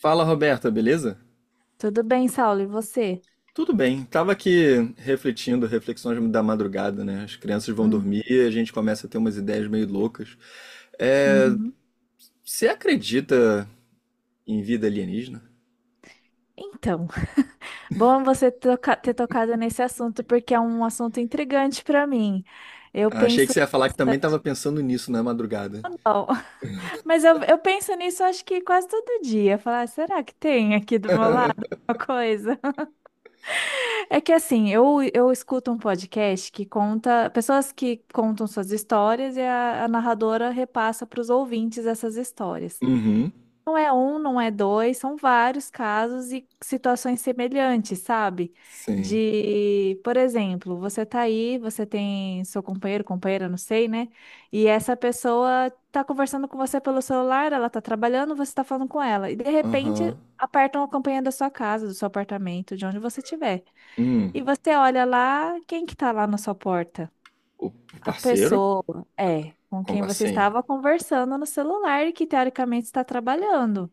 Fala, Roberta, beleza? Tudo bem, Saulo, e você? Tudo bem. Tava aqui refletindo, reflexões da madrugada, né? As crianças vão Hum, dormir e a gente começa a ter umas ideias meio loucas. uhum. Você acredita em vida alienígena? Então, bom ter tocado nesse assunto, porque é um assunto intrigante para mim. Eu Achei que penso você ia falar que também tava bastante. pensando nisso na madrugada. Ou Não, mas eu penso nisso, acho que quase todo dia. Falar, "Ah, será que tem aqui do meu lado uma coisa?" É que assim, eu escuto um podcast que conta, pessoas que contam suas histórias e a narradora repassa para os ouvintes essas histórias. Uhum. Não é um, não é dois, são vários casos e situações semelhantes, sabe? Sim. De, por exemplo, você tá aí, você tem seu companheiro, companheira, não sei, né? E essa pessoa tá conversando com você pelo celular, ela tá trabalhando, você tá falando com ela. E de Aham. repente apertam a campainha da sua casa, do seu apartamento, de onde você estiver. Hum. E você olha lá, quem que tá lá na sua porta? O A parceiro? pessoa, é, com quem Como você assim? estava conversando no celular e que teoricamente está trabalhando.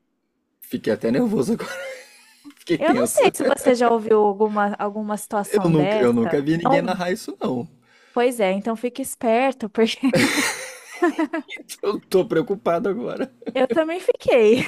Fiquei até nervoso agora. Fiquei Eu não tenso. sei se você já ouviu alguma Eu situação nunca, dessa. eu nunca vi ninguém Não? narrar isso, não. Pois é, então fique esperto, porque Eu tô preocupado agora. eu também fiquei.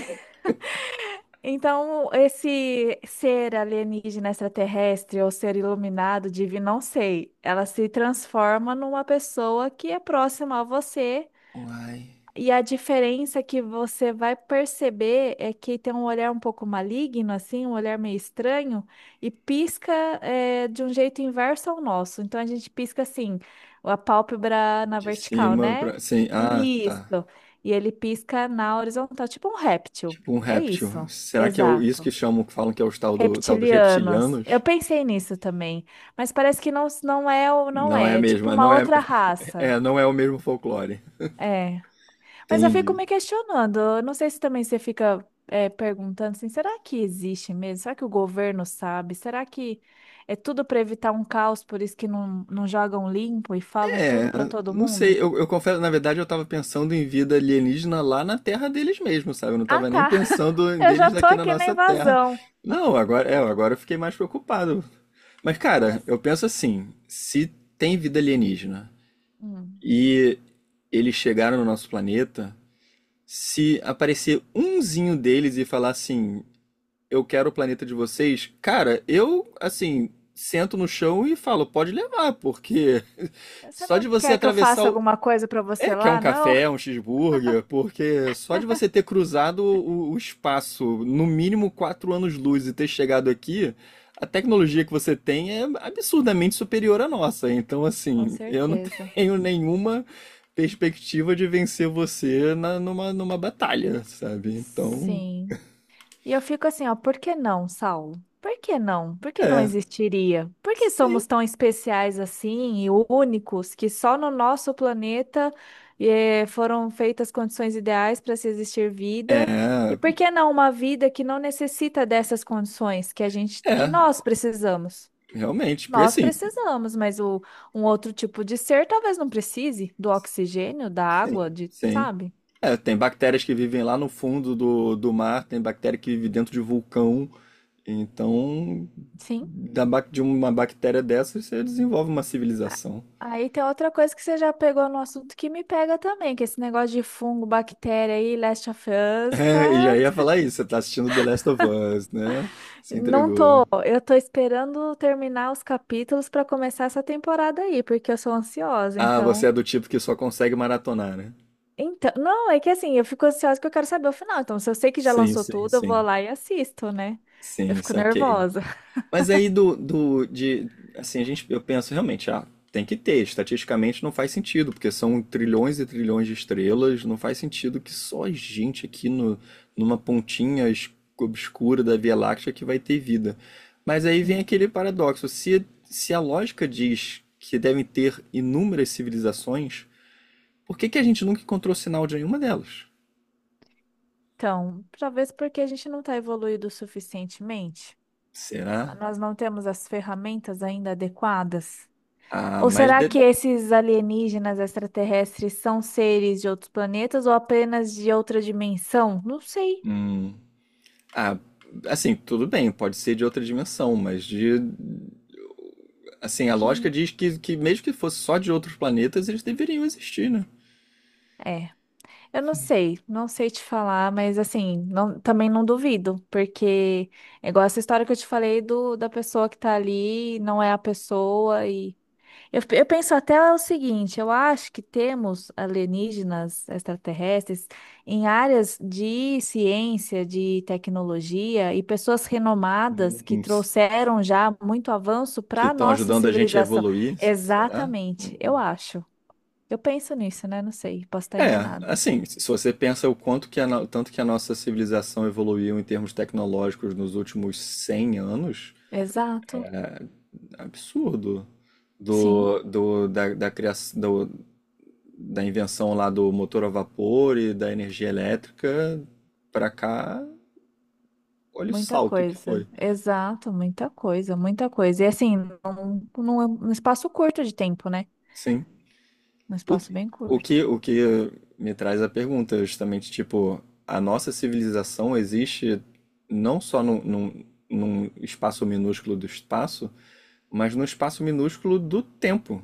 Então, esse ser alienígena extraterrestre ou ser iluminado, divino, não sei, ela se transforma numa pessoa que é próxima a você. Uai. E a diferença que você vai perceber é que tem um olhar um pouco maligno, assim, um olhar meio estranho, e pisca, de um jeito inverso ao nosso. Então a gente pisca assim, a pálpebra na De vertical, cima né? pra. Sim. Ah, tá. Isso. E ele pisca na horizontal, tipo um réptil. Tipo um É réptil. isso. Será que é isso Exato. que chamam, que falam que é os tal, tal dos Reptilianos. Eu reptilianos? pensei nisso também, mas parece que não, não é, ou não Não é é, é mesmo? tipo É, uma não é, outra raça. é, não é o mesmo folclore. É. Mas eu fico Entendi. me questionando. Eu Não sei se também você fica perguntando assim, será que existe mesmo? Será que o governo sabe? Será que é tudo para evitar um caos, por isso que não, não jogam limpo e falam tudo para todo Não mundo? sei, eu confesso, na verdade eu tava pensando em vida alienígena lá na terra deles mesmo, sabe? Eu não Ah, tava nem tá. pensando em Eu já deles tô aqui na aqui na nossa terra. invasão. Não, agora, é, agora eu fiquei mais preocupado. Mas, Ah, cara, mas eu penso assim, se tem vida alienígena hum, e eles chegaram no nosso planeta, se aparecer umzinho deles e falar assim, eu quero o planeta de vocês, cara, eu, assim, sento no chão e falo, pode levar, porque você só não de você quer que eu atravessar faça o. alguma coisa para você É, que é um lá, não? café, é um cheeseburger, porque só de você ter cruzado o espaço, no mínimo 4 anos-luz e ter chegado aqui, a tecnologia que você tem é absurdamente superior à nossa. Então, Com assim, eu não certeza. tenho nenhuma perspectiva de vencer você numa batalha, sabe? Então, Sim. E eu fico assim, ó, por que não, Saulo? Por que não? Por que não é. existiria? Por que Sim. somos tão especiais assim e únicos que só no nosso planeta foram feitas condições ideais para se existir vida? E É, por que não uma vida que não necessita dessas condições que a gente, que É, nós precisamos? realmente, porque Nós assim, precisamos, mas o, um outro tipo de ser talvez não precise do oxigênio, da água, sim, de, sim. sabe? É, tem bactérias que vivem lá no fundo do mar, tem bactéria que vive dentro de vulcão. Então, Sim. De uma bactéria dessas você desenvolve uma A- civilização. Aí tem outra coisa que você já pegou no assunto que me pega também, que esse negócio de fungo, bactéria aí, Last of Us, É, e já tá? ia falar isso, você tá assistindo The Last of Us, né? Se Não entregou. tô, eu tô esperando terminar os capítulos pra começar essa temporada aí, porque eu sou ansiosa, Ah, então. você é do tipo que só consegue maratonar, né? Então, não, é que assim, eu fico ansiosa que eu quero saber o final. Então, se eu sei que já Sim, lançou sim, tudo, eu vou sim. lá e assisto, né? Eu Sim, fico saquei. nervosa. Mas aí do de assim, a gente eu penso realmente, ah, tem que ter, estatisticamente não faz sentido, porque são trilhões e trilhões de estrelas, não faz sentido que só a gente aqui no, numa obscura da Via Láctea que vai ter vida. Mas aí vem aquele paradoxo, se a lógica diz que devem ter inúmeras civilizações, por que que a gente nunca encontrou sinal de nenhuma delas? Então, talvez porque a gente não tá evoluído suficientemente. Será? Nós não temos as ferramentas ainda adequadas. Ah, Ou mas será de... que esses alienígenas extraterrestres são seres de outros planetas ou apenas de outra dimensão? Não sei. Hum. Ah, assim, tudo bem, pode ser de outra dimensão, mas de. Assim, a Que lógica diz que mesmo que fosse só de outros planetas, eles deveriam existir, né? é. Eu não sei, não sei te falar, mas assim, não- também não duvido, porque é igual essa história que eu te falei do da pessoa que tá ali, não é a pessoa. Eu penso até o seguinte, eu acho que temos alienígenas extraterrestres em áreas de ciência, de tecnologia e pessoas renomadas que Uns trouxeram já muito avanço que para a estão nossa ajudando a gente a civilização. evoluir, será? Exatamente, eu acho. Eu penso nisso, né? Não sei, posso estar É, enganado. assim, se você pensa o quanto que a, no- tanto que a nossa civilização evoluiu em termos tecnológicos nos últimos 100 anos, Exato, absurdo. sim, Da criação, da invenção lá do motor a vapor e da energia elétrica pra cá. Olha o muita salto que foi. coisa. Exato, muita coisa, muita coisa. E assim, num, num espaço curto de tempo, né? Sim. Num O que, espaço bem o curto. que, o que me traz a pergunta, justamente, tipo, a nossa civilização existe não só num espaço minúsculo do espaço, mas num espaço minúsculo do tempo,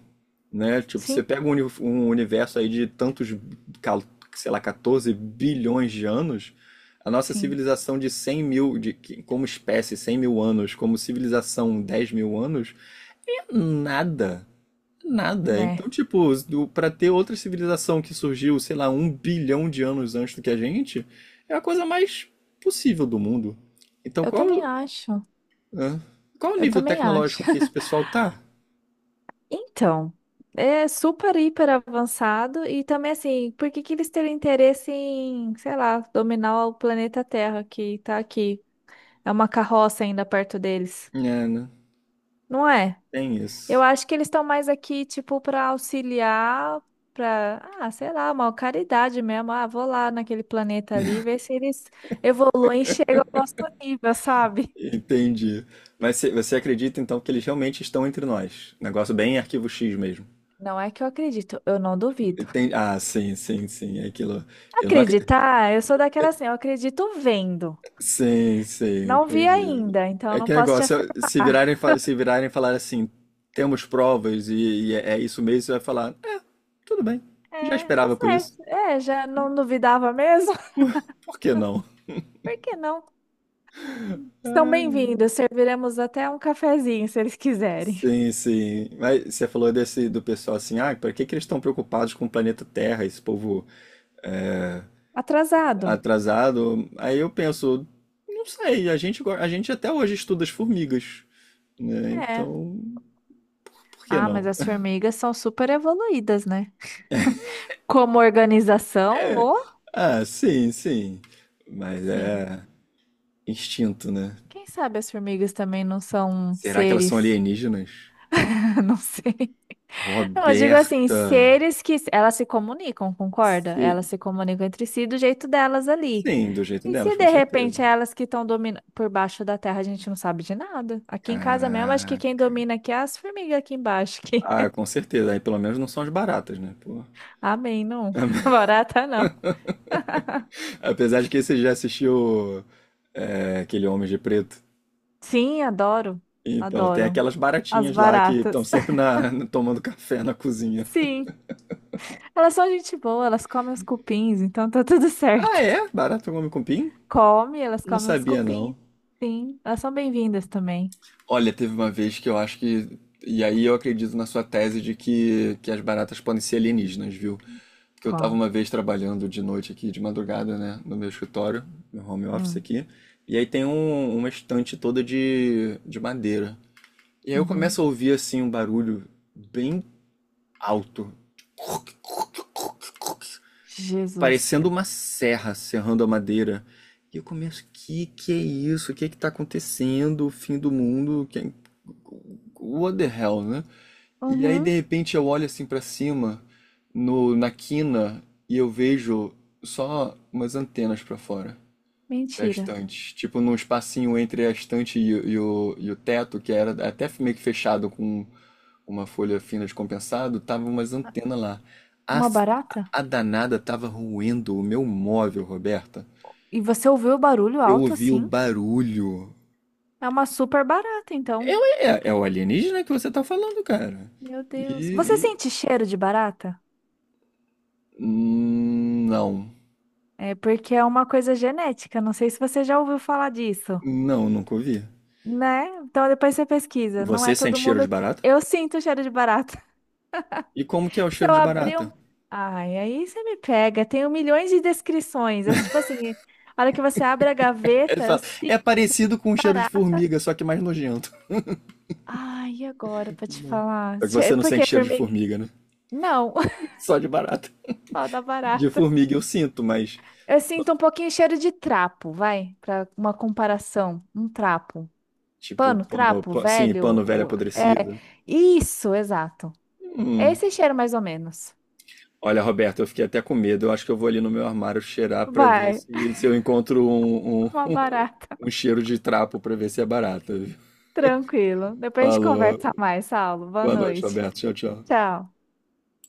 né? Tipo, você Sim. pega um universo aí de tantos, cal- sei lá, 14 bilhões de anos, a nossa Sim. civilização de 100 mil, de, como espécie, 100 mil anos, como civilização, 10 mil anos, é nada. Nada. Né? Então, tipo, pra ter outra civilização que surgiu, sei lá, 1 bilhão de anos antes do que a gente, é a coisa mais possível do mundo. Então, Eu qual, também acho. hã? Qual o Eu nível também acho. tecnológico que esse pessoal tá? Então, é super hiper avançado e também assim, por que que eles teriam interesse em, sei lá, dominar o planeta Terra que tá aqui? É uma carroça ainda perto deles, É, né? não é? Tem Eu isso. acho que eles estão mais aqui, tipo, para auxiliar, para, ah, sei lá, uma caridade mesmo. Ah, vou lá naquele planeta ali, ver se eles evoluem e chegam ao nosso nível, sabe? Entendi. Mas você acredita, então, que eles realmente estão entre nós? Negócio bem Arquivo X mesmo. Não é que eu acredito, eu não duvido. Ah, sim, sim, sim. É aquilo. Eu não, ac- Acreditar, eu sou daquela assim, eu acredito vendo. Sim, sim, Não vi entendi. ainda, então É não que posso te negócio, afirmar. se virarem, se virarem e falar assim, temos provas e é é isso mesmo, você vai falar, é, tudo bem, já É, tá esperava por isso, certo. É, já não duvidava mesmo? por que não? Por que não? Estão bem-vindos, serviremos até um cafezinho, se eles quiserem. Sim, sim. Mas você falou desse do pessoal assim, ah, para que que eles estão preocupados com o planeta Terra, esse povo Atrasado? atrasado? Aí eu penso, não sei, a gente, a gente até hoje estuda as formigas, né? É. Então, por que Ah, mas não? as formigas são super evoluídas, né? Como organização, ô? Ah, sim, sim. Mas Sim. é. Instinto, né? Quem sabe as formigas também não são Será que elas são seres? alienígenas? Não sei. Não, eu digo assim, Roberta. seres que elas se comunicam, concorda? Se- Elas se comunicam entre si do jeito delas ali. Sim, do jeito E delas, se com de certeza. repente é elas que estão dominando por baixo da terra, a gente não sabe de nada. Aqui em casa mesmo, acho que quem Caraca. domina aqui é as formigas aqui embaixo. Que... Ah, com certeza. Aí pelo menos não são as baratas, né? Pô. Amém, não. Barata não. Apesar de que você já assistiu é, aquele Homem de Preto. Sim, adoro. Então, tem Adoro. aquelas As baratinhas lá que estão baratas. sempre na, tomando café na cozinha. Sim, elas são gente boa, elas comem os cupins, então tá tudo Ah, certo. é? Barata come cupim? Come, elas Não comem os sabia, cupins. não. Sim, elas são bem-vindas também. Olha, teve uma vez que eu acho que. E aí eu acredito na sua tese de que as baratas podem ser alienígenas, viu? Porque eu tava Qual? uma vez trabalhando de noite aqui, de madrugada, né? No meu escritório, meu home office Hum. aqui. E aí tem uma estante toda de madeira. E aí eu Uhum. começo a ouvir assim um barulho bem alto Jesus. parecendo uma serra serrando a madeira. E eu começo, o que que é isso? O que é que tá acontecendo? O fim do mundo? Que... é, what the hell, né? E aí de Uhum. repente eu olho assim pra cima, no na quina, e eu vejo só umas antenas pra fora da Mentira. estante, tipo num espacinho entre a estante e o teto, que era até meio que fechado com uma folha fina de compensado, tava umas antenas lá. A, Uma barata? a danada tava roendo o meu móvel, Roberta. E você ouviu o barulho Eu alto ouvi o assim? barulho. É uma super barata, então. É o alienígena que você tá falando, cara. Meu Deus. Você E, e- sente cheiro de barata? Não. É porque é uma coisa genética. Não sei se você já ouviu falar disso, Não, nunca ouvi. né? Então depois você pesquisa. Não Você é sente todo cheiro de mundo. barata? Eu sinto cheiro de barata. E como que é o Se cheiro eu de abrir um. barata? Ai, aí você me pega. Tenho milhões de descrições. É tipo assim, a hora que você abre a Ele gaveta, eu fala, sinto. é parecido com o cheiro de formiga, só que mais nojento. Ai, e agora pra te falar? Só que você não Por sente que cheiro de formiga? formiga, né? Não, Só de barata. fala da De barata. formiga eu sinto, mas Eu sinto um pouquinho cheiro de trapo, vai, pra uma comparação. Um trapo. tipo, Pano, trapo, sim, velho. pano velho É, apodrecido. isso, exato. É Hum. esse cheiro mais ou menos. Olha, Roberto, eu fiquei até com medo. Eu acho que eu vou ali no meu armário cheirar pra ver Vai, se, se eu encontro uma um, barata. um cheiro de trapo pra ver se é barato, viu? Tranquilo. Depois a gente Falou. conversa mais, Saulo. Boa Boa noite, noite. Roberto. Tchau, tchau. Tchau.